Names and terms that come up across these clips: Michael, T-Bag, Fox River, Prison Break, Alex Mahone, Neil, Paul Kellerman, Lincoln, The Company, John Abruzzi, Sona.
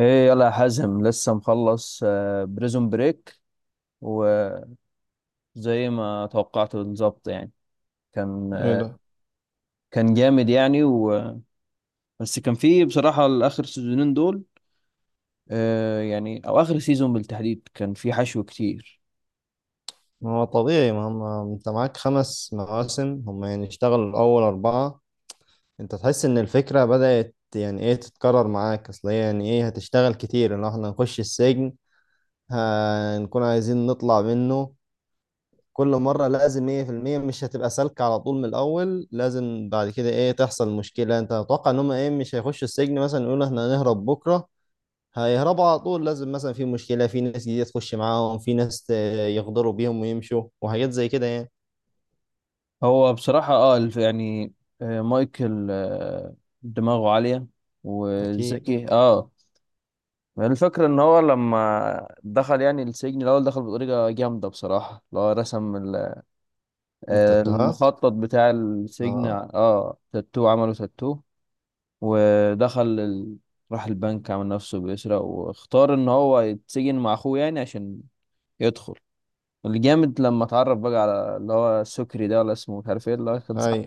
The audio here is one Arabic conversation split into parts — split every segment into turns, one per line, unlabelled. ايه، يلا يا حازم لسه مخلص بريزون بريك. وزي ما توقعت بالظبط يعني. كان
ايه
آه،
ده.
كان جامد يعني. بس كان فيه بصراحة الآخر سيزونين دول. يعني أو آخر سيزون بالتحديد كان فيه حشو كتير.
ما هو طبيعي، ما هم انت معاك خمس مواسم، هم يعني اشتغلوا الاول اربعة. انت تحس ان الفكرة بدأت يعني ايه تتكرر معاك، اصل هي يعني ايه هتشتغل كتير ان احنا نخش السجن، هنكون عايزين نطلع منه. كل مرة لازم ايه في المية مش هتبقى سالكة على طول، من الاول لازم بعد كده ايه تحصل مشكلة. انت اتوقع ان هم ايه مش هيخشوا السجن مثلا يقولوا احنا هنهرب بكرة هيهربوا على طول، لازم مثلا في مشكلة، في ناس جديدة تخش معاهم، في ناس يغدروا بيهم ويمشوا وحاجات زي كده يعني.
هو بصراحة مايكل، دماغه عالية
اكيد.
وذكي اه الفكرة ان هو لما دخل يعني السجن الاول دخل بطريقة جامدة بصراحة، اللي هو رسم
التاتوهات.
المخطط بتاع السجن،
اه.
اه تاتو، عمله تاتو. ودخل ال... راح البنك، عمل نفسه بيسرق واختار ان هو يتسجن مع اخوه يعني عشان يدخل. الجامد لما اتعرف بقى على اللي هو السكري ده، ولا اسمه مش عارف ايه، اللي هو كان
اي.
صاحب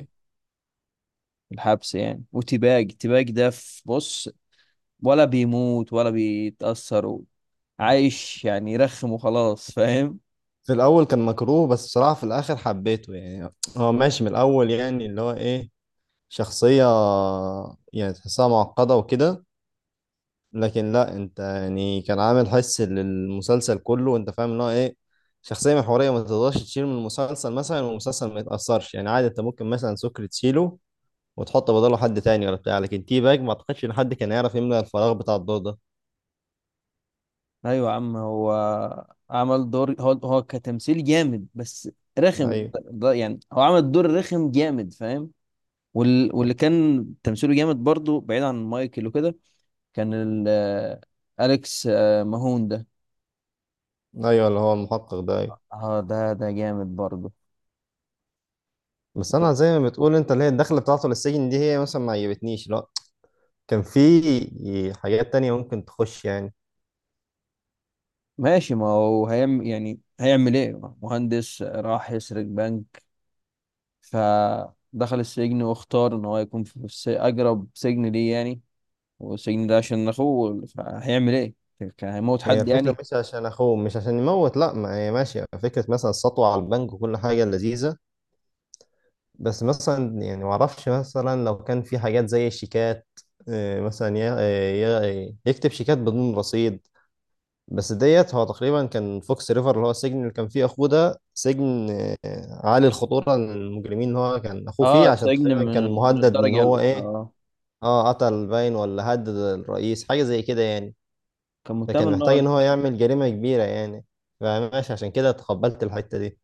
الحبس يعني. وتباج ده، في بص، ولا بيموت ولا بيتأثر، عايش يعني يرخم وخلاص، فاهم.
في الاول كان مكروه، بس بصراحه في الاخر حبيته يعني، هو ماشي من الاول يعني اللي هو ايه شخصيه، يعني تحسها معقده وكده. لكن لا، انت يعني كان عامل حس للمسلسل كله، وانت فاهم ان هو ايه شخصيه محوريه ما تقدرش تشيل من المسلسل مثلا والمسلسل ما يتاثرش يعني. عادي انت ممكن مثلا سكر تشيله وتحط بداله حد تاني ولا بتاع، لكن تي باج ما اعتقدش ان حد كان يعرف يملى الفراغ بتاع الدور ده.
ايوه يا عم، هو عمل دور، هو كتمثيل جامد، بس رخم
ايوه.
ده. يعني هو عمل دور رخم جامد، فاهم. واللي كان تمثيله جامد برضو بعيد عن مايكل وكده، كان ال... آه، اليكس ماهون ده.
ايوه اللي هو المحقق ده، أيوه.
اه، ده جامد برضو.
بس انا زي ما بتقول انت، اللي هي الدخله بتاعته للسجن دي هي مثلا ما عجبتنيش، لا كان في حاجات تانية ممكن تخش يعني.
ماشي، ما هو هيعمل يعني هيعمل ايه؟ مهندس راح يسرق بنك فدخل السجن، واختار ان هو يكون في اقرب سجن ليه يعني. والسجن ده عشان اخوه، هيعمل ايه؟ كان هيموت
هي
حد
الفكره
يعني.
مش عشان اخوه، مش عشان يموت، لا ما هي ماشيه فكره مثلا السطوه على البنك وكل حاجه لذيذه. بس مثلا يعني ما اعرفش، مثلا لو كان في حاجات زي الشيكات، مثلا يكتب شيكات بدون رصيد. بس ديت هو تقريبا كان فوكس ريفر اللي هو السجن اللي كان فيه اخوه، ده سجن عالي الخطوره للمجرمين ان هو كان اخوه فيه
اه،
عشان
سجن
تقريبا
من
كان مهدد ان
الدرجة
هو
الأولى،
ايه،
اه.
اه قتل باين ولا هدد الرئيس حاجه زي كده يعني.
كان مهتم
فكان
ان
محتاج
هو،
ان هو يعمل جريمه كبيره يعني، فماشي عشان كده تقبلت الحته دي.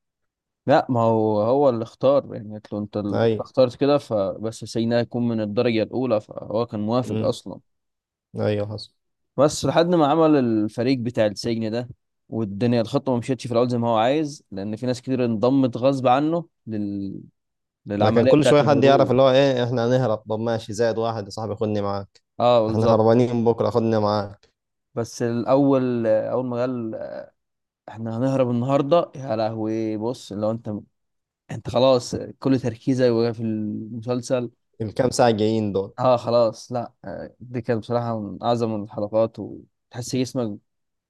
لا ما هو هو اللي اختار يعني، قلت له انت اللي
ايوه.
اخترت كده، فبس السجن ده هيكون من الدرجة الأولى، فهو كان موافق
امم
أصلا.
ايوه حصل.
بس لحد ما عمل الفريق بتاع السجن ده والدنيا، الخطة ما مشيتش في الأول زي ما هو عايز، لأن في ناس كتير انضمت غصب عنه
ما كان
للعملية
كل
بتاعة
شويه حد يعرف
الهروب.
اللي هو ايه احنا هنهرب، طب ماشي زائد واحد يا صاحبي خدني معاك.
اه،
احنا
بالظبط.
هربانين بكره خدني معاك.
بس الأول، أول ما قال احنا هنهرب النهارده، يا لهوي، بص لو انت انت خلاص كل تركيزك بقى في المسلسل.
الكام ساعه جايين دول.
اه خلاص، لا، دي كانت بصراحه من اعظم الحلقات، وتحس جسمك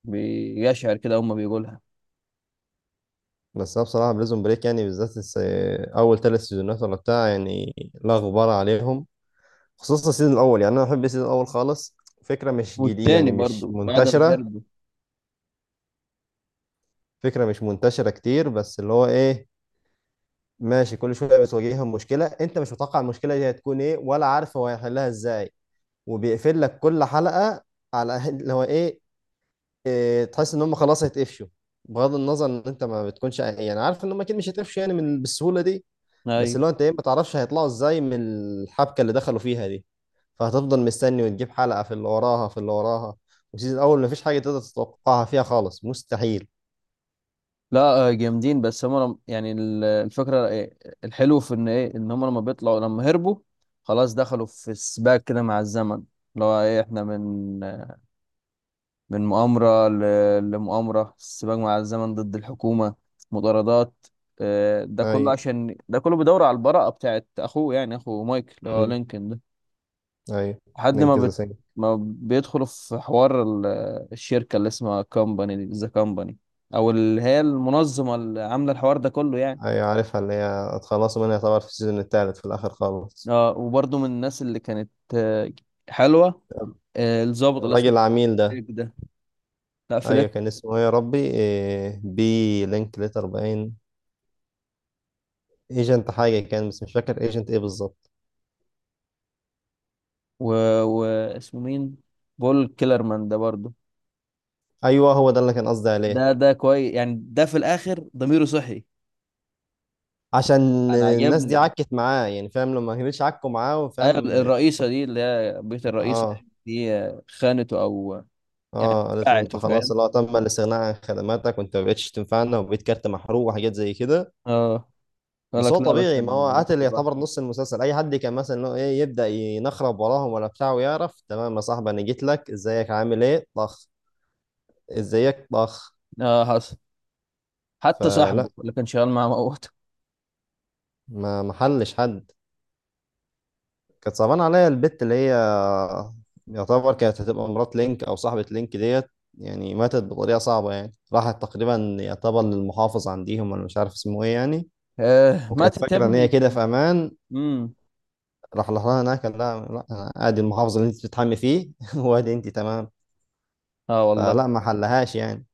بيشعر كده، هما بيقولها.
بس انا بصراحه بريزون بريك يعني بالذات اول ثلاث سيزونات ولا بتاع يعني، لا غبار عليهم. خصوصا السيزون الاول يعني، انا بحب السيزون الاول خالص. فكره مش جديده
والتاني
يعني، مش
برضو بعد ما
منتشره.
هربوا.
فكره مش منتشره كتير، بس اللي هو ايه ماشي كل شويه بتواجههم مشكله انت مش متوقع المشكله دي هتكون ايه ولا عارف هو هيحلها ازاي. وبيقفل لك كل حلقه على اللي هو ايه، إيه تحس ان هم خلاص هيتقفشوا، بغض النظر ان انت ما بتكونش يعني عارف ان هم اكيد مش هيتقفشوا يعني من بالسهوله دي. بس
ايوه،
اللي هو انت ايه ما تعرفش هيطلعوا ازاي من الحبكه اللي دخلوا فيها دي. فهتفضل مستني وتجيب حلقه في اللي وراها في اللي وراها. والسيزون الاول مفيش حاجه تقدر تتوقعها فيها خالص، مستحيل.
لا، جامدين. بس هما الفكره إيه؟ الحلو في ان ايه، ان هما لما بيطلعوا، لما هربوا، خلاص دخلوا في سباق كده مع الزمن. اللي هو ايه، احنا من مؤامرة لمؤامرة، السباق مع الزمن ضد الحكومة، مطاردات، ده
اي.
كله عشان، ده كله بيدور على البراءة بتاعت أخوه، يعني أخو مايكل اللي هو
امم
لينكولن ده.
ايوه
لحد ما
ننكذا سنة.
ما بيدخلوا في حوار الشركة اللي اسمها كومباني، دي ذا كومباني، أو اللي هي المنظمة اللي عاملة الحوار ده كله يعني.
ايوه عارفها اللي هي اتخلصوا منها طبعا في السيزون الثالث في الاخر خالص.
اه، وبرضه من الناس اللي كانت حلوة، الضابط اللي
الراجل
اسمه
العميل ده.
فليك ده. لا
ايوه
فليك
كان اسمه ايه يا ربي، إيه بي لينك ليتر باين، ايجنت حاجه كان، بس مش فاكر ايجنت ايه بالظبط.
و... واسمه مين، بول كيلرمان ده برضه.
ايوه هو ده اللي كان قصدي عليه.
ده ده كويس يعني، ده في الاخر ضميره صحي.
عشان
انا
الناس دي
عجبني.
عكت معاه يعني فاهم، لما كانتش عكوا معاه
أيوة،
وفاهم.
الرئيسه دي اللي هي بيت الرئيسه
اه.
دي، خانته او يعني
اه قالت له انت
باعته،
خلاص
فاهم.
اللي هو تم الاستغناء عن خدماتك وانت ما بقتش تنفعنا وبقيت كارت محروق وحاجات زي كده.
اه، قال
بس هو
لك لا يا باشا
طبيعي،
انا
ما هو
ما
قاتل
بروحش
يعتبر
لوحدي.
نص المسلسل، اي حد كان مثلا اللي هو ايه يبدا ينخرب وراهم ولا بتاع ويعرف تمام يا صاحبي انا جيت لك ازيك عامل ايه، طخ. ازيك، طخ.
اه حصل. حتى
فلا
صاحبه اللي كان شغال معاه موته.
ما محلش حد. كانت صعبانة عليا البت اللي هي يعتبر كانت هتبقى مرات لينك أو صاحبة لينك ديت يعني، ماتت بطريقة صعبة يعني، راحت تقريبا يعتبر للمحافظ عنديهم، أنا مش عارف اسمه إيه يعني.
آه،
وكانت
ماتت يا
فاكرة إن هي
ابني.
كده في أمان،
امم.
راح لها هناك قال لها لا أنا أدي المحافظ اللي أنت بتتحمي فيه، وأدي أنت تمام.
اه
فلا
والله.
ما حلهاش يعني.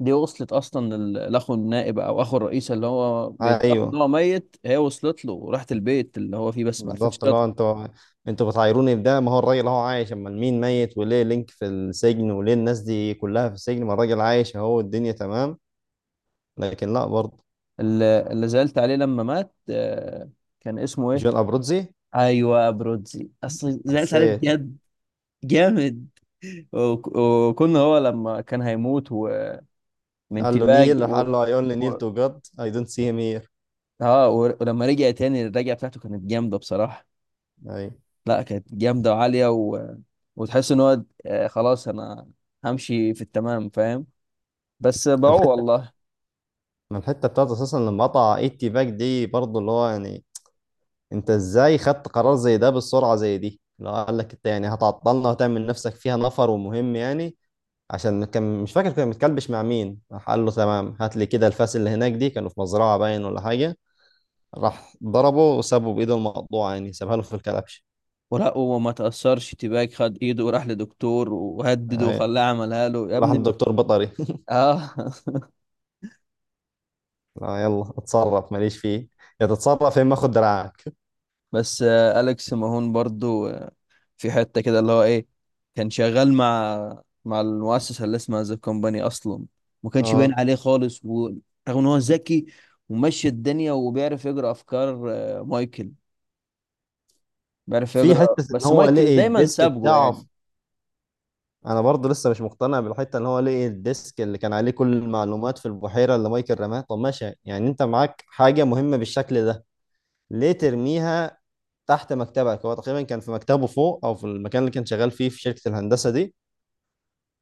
دي وصلت اصلا لاخو النائب او اخو الرئيس اللي هو بيدعي ان
أيوه
هو ميت، هي وصلت له وراحت البيت اللي هو فيه، بس ما عرفتش
بالظبط. اللي هو
تطلع.
أنتوا أنتوا بتعايروني بده، ما هو الراجل أهو عايش، أمال مين ميت وليه لينك في السجن وليه الناس دي كلها في السجن، ما الراجل عايش أهو الدنيا تمام. لكن لا برضه.
اللي زعلت عليه لما مات، كان اسمه ايه؟
جون ابروتزي.
ايوه، برودزي، اصل زعلت عليه
حسيت.
بجد، جامد. وكنا هو لما كان هيموت، ومن
قال له
تباج
نيل، راح
و...
قال له اي اونلي نيل
و...
تو جاد اي دونت سي هيم هير.
ولما رجع تاني، الرجعه بتاعته كانت جامده بصراحه.
اي.
لا كانت جامده وعاليه، و... وتحس ان هو، خلاص انا همشي في التمام، فاهم. بس باعوه
الحته.
والله.
ما الحته بتاعته اساسا لما قطع ايتي باك دي برضه اللي هو يعني، انت ازاي خدت قرار زي ده بالسرعه زي دي، اللي هو قال لك انت يعني هتعطلنا وتعمل نفسك فيها نفر ومهم يعني. عشان كان مش فاكر كان متكلبش مع مين، راح قال له تمام هات لي كده الفاس اللي هناك دي، كانوا في مزرعه باين ولا حاجه. راح ضربه وسابه بايده المقطوعه يعني، سابها له في الكلبش.
ولا، وما تأثرش تباج، خد ايده وراح لدكتور وهدده
أي.
وخلاه عملها له يا
راح
ابني.
الدكتور بطري.
اه
لا يلا اتصرف ماليش فيه. يا تتصرف يا اما اخد دراعك.
بس أليكس ماهون برضو، في حتة كده اللي هو ايه، كان شغال مع المؤسسة اللي اسمها ذا كومباني اصلا، ما كانش باين
اه
عليه خالص. ورغم ان هو ذكي ومشي الدنيا وبيعرف يقرا افكار مايكل، بيعرف
في
يقرا،
حته ان
بس
هو
مايكل
لقي
دايما
الديسك
سابقه
بتاعه
يعني.
انا برضه لسه مش مقتنع بالحته ان هو لقي الديسك اللي كان عليه كل المعلومات في البحيره اللي مايكل رماها. طب ماشي يعني انت معاك حاجه مهمه بالشكل ده، ليه ترميها تحت مكتبك؟ هو تقريبا كان في مكتبه فوق او في المكان اللي كان شغال فيه في شركه الهندسه دي.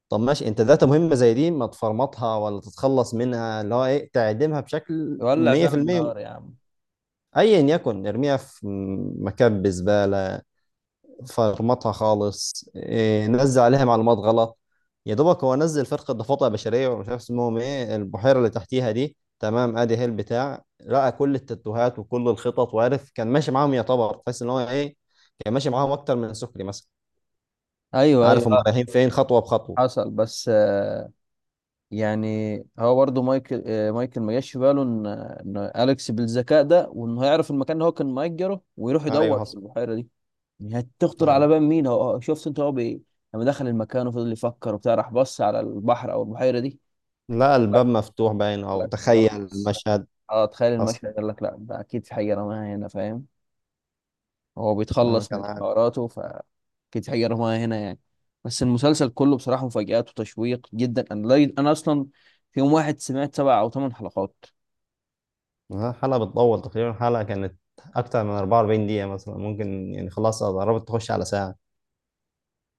طب ماشي انت داتا مهمه زي دي ما تفرمطها ولا تتخلص منها اللي هو ايه، تعدمها بشكل
يولع فيها
100%.
النار يا عم.
ايا يكن ارميها في مكان بزباله، فرمطها خالص، إيه نزل عليها معلومات غلط. يا دوبك هو نزل فرقه ضفادع بشريه ومش عارف اسمهم ايه البحيره اللي تحتيها دي تمام، ادي هي البتاع لقى كل التاتوهات وكل الخطط، وعارف كان ماشي معاهم يعتبر، تحس ان هو ايه كان ماشي معاهم اكتر من سكري مثلا،
ايوه ايوه،
عارف هم
لا
رايحين فين خطوه بخطوه.
حصل. بس يعني هو برضه مايكل، مايكل ما جاش في باله ان اليكس بالذكاء ده، وانه هيعرف المكان اللي هو كان مأجره ويروح
ايوه
يدور في
حصل.
البحيرة دي. هتخطر على
ايوه.
بال مين؟ هو شفت انت هو بايه؟ لما دخل المكان وفضل يفكر وبتاع، راح بص على البحر او البحيره دي.
لا
قال لك،
الباب مفتوح باين او
غير
تخيل
بص،
المشهد.
اه تخيل
حصل.
المشهد، قال لك لا ده اكيد في حاجه رماها هنا، فاهم. هو
انا
بيتخلص
كان
من
عارف.
حواراته، فاكيد في حاجه رماها هنا يعني. بس المسلسل كله بصراحه مفاجآت وتشويق جدا. انا لا- انا اصلا في يوم واحد سمعت سبع او ثمان حلقات.
الحلقة بتطول تقريبا، الحلقة كانت أكتر من 44 دقيقة مثلا ممكن يعني، خلاص قربت تخش على ساعة.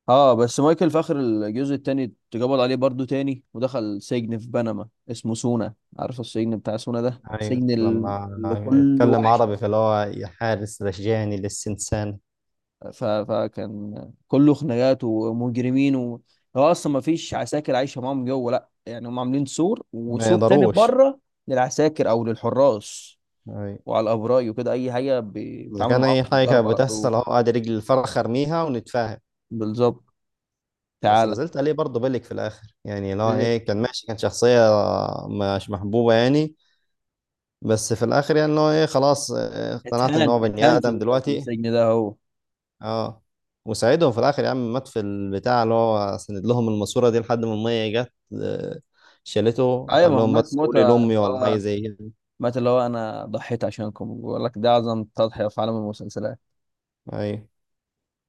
اه، بس مايكل في اخر الجزء التاني اتقبض عليه برضو تاني، ودخل سجن في بنما اسمه سونا. عارف السجن بتاع سونا ده،
أيوة
سجن
لما
اللي كله
أتكلم
وحش.
عربي فاللي هو يا حارس رجعني للسنسان.
فكان كله خناقات ومجرمين. و... هو اصلا ما فيش عساكر عايشه معاهم جوه لا، يعني هم عاملين سور
ما
وسور تاني
يقدروش.
بره للعساكر او للحراس،
أيوة.
وعلى الابراج وكده. اي حاجه
إذا
بيتعاملوا
كان
معاهم
أي حاجة كانت
بالضرب على طول.
بتحصل أهو قاعد رجل الفرخ أرميها ونتفاهم.
بالظبط،
بس
تعالى.
لازلت عليه برضه بالك، في الآخر يعني اللي هو إيه كان ماشي كان شخصية مش محبوبة يعني. بس في الآخر يعني اللي هو إيه خلاص، اقتنعت إن
اتهان،
هو بني
اتهان في
آدم
في
دلوقتي.
السجن ده هو.
اه وساعدهم في الاخر يا عم، مات في البتاع اللي هو سند لهم الماسوره دي لحد ما الميه جت، آه، شالته
ايوه،
قال
ما هو
لهم
مات
بس قولي
موتة،
لامي
اللي
ولا حاجه
هو
زي كده.
مات اللي هو انا ضحيت عشانكم، بيقول لك ده اعظم تضحية في عالم المسلسلات.
ايوه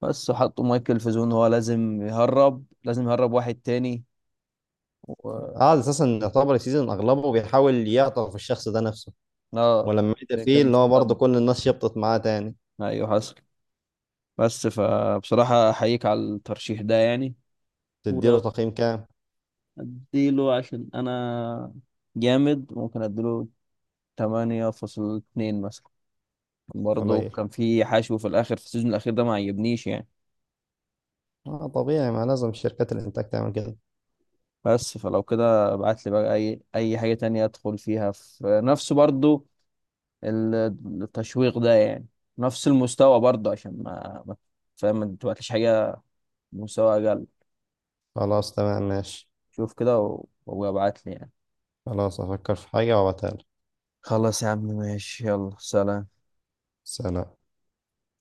بس، وحطوا مايكل في زون، هو لازم يهرب، لازم يهرب واحد تاني و
قعد اساسا يعتبر السيزون اغلبه بيحاول يعطف الشخص ده نفسه،
اه
ولما عدى
عشان
فيه
كان
اللي هو برضه
مستخبي،
كل الناس شبطت معاه تاني.
ايوه حصل. بس، فبصراحة احييك على الترشيح ده يعني.
تديله
ولو
تقييم كام؟
اديله، عشان انا جامد، ممكن اديله 8.2 مثلا. برضه
قليل.
كان في حشو في الاخر، في السيزون الاخير ده ما عجبنيش يعني.
اه طبيعي، ما لازم شركات الانتاج تعمل كده.
بس، فلو كده ابعت لي بقى اي اي حاجة تانية ادخل فيها في نفس برضو ال- التشويق ده يعني، نفس المستوى برضو. عشان فاهم، ما تبعتليش حاجة مستوى اقل.
خلاص تمام ماشي.
شوف كده وابعت لي يعني.
خلاص هفكر في حاجه وابعتها لك.
خلاص يا عم، ماشي، يلا، سلام.
سلام.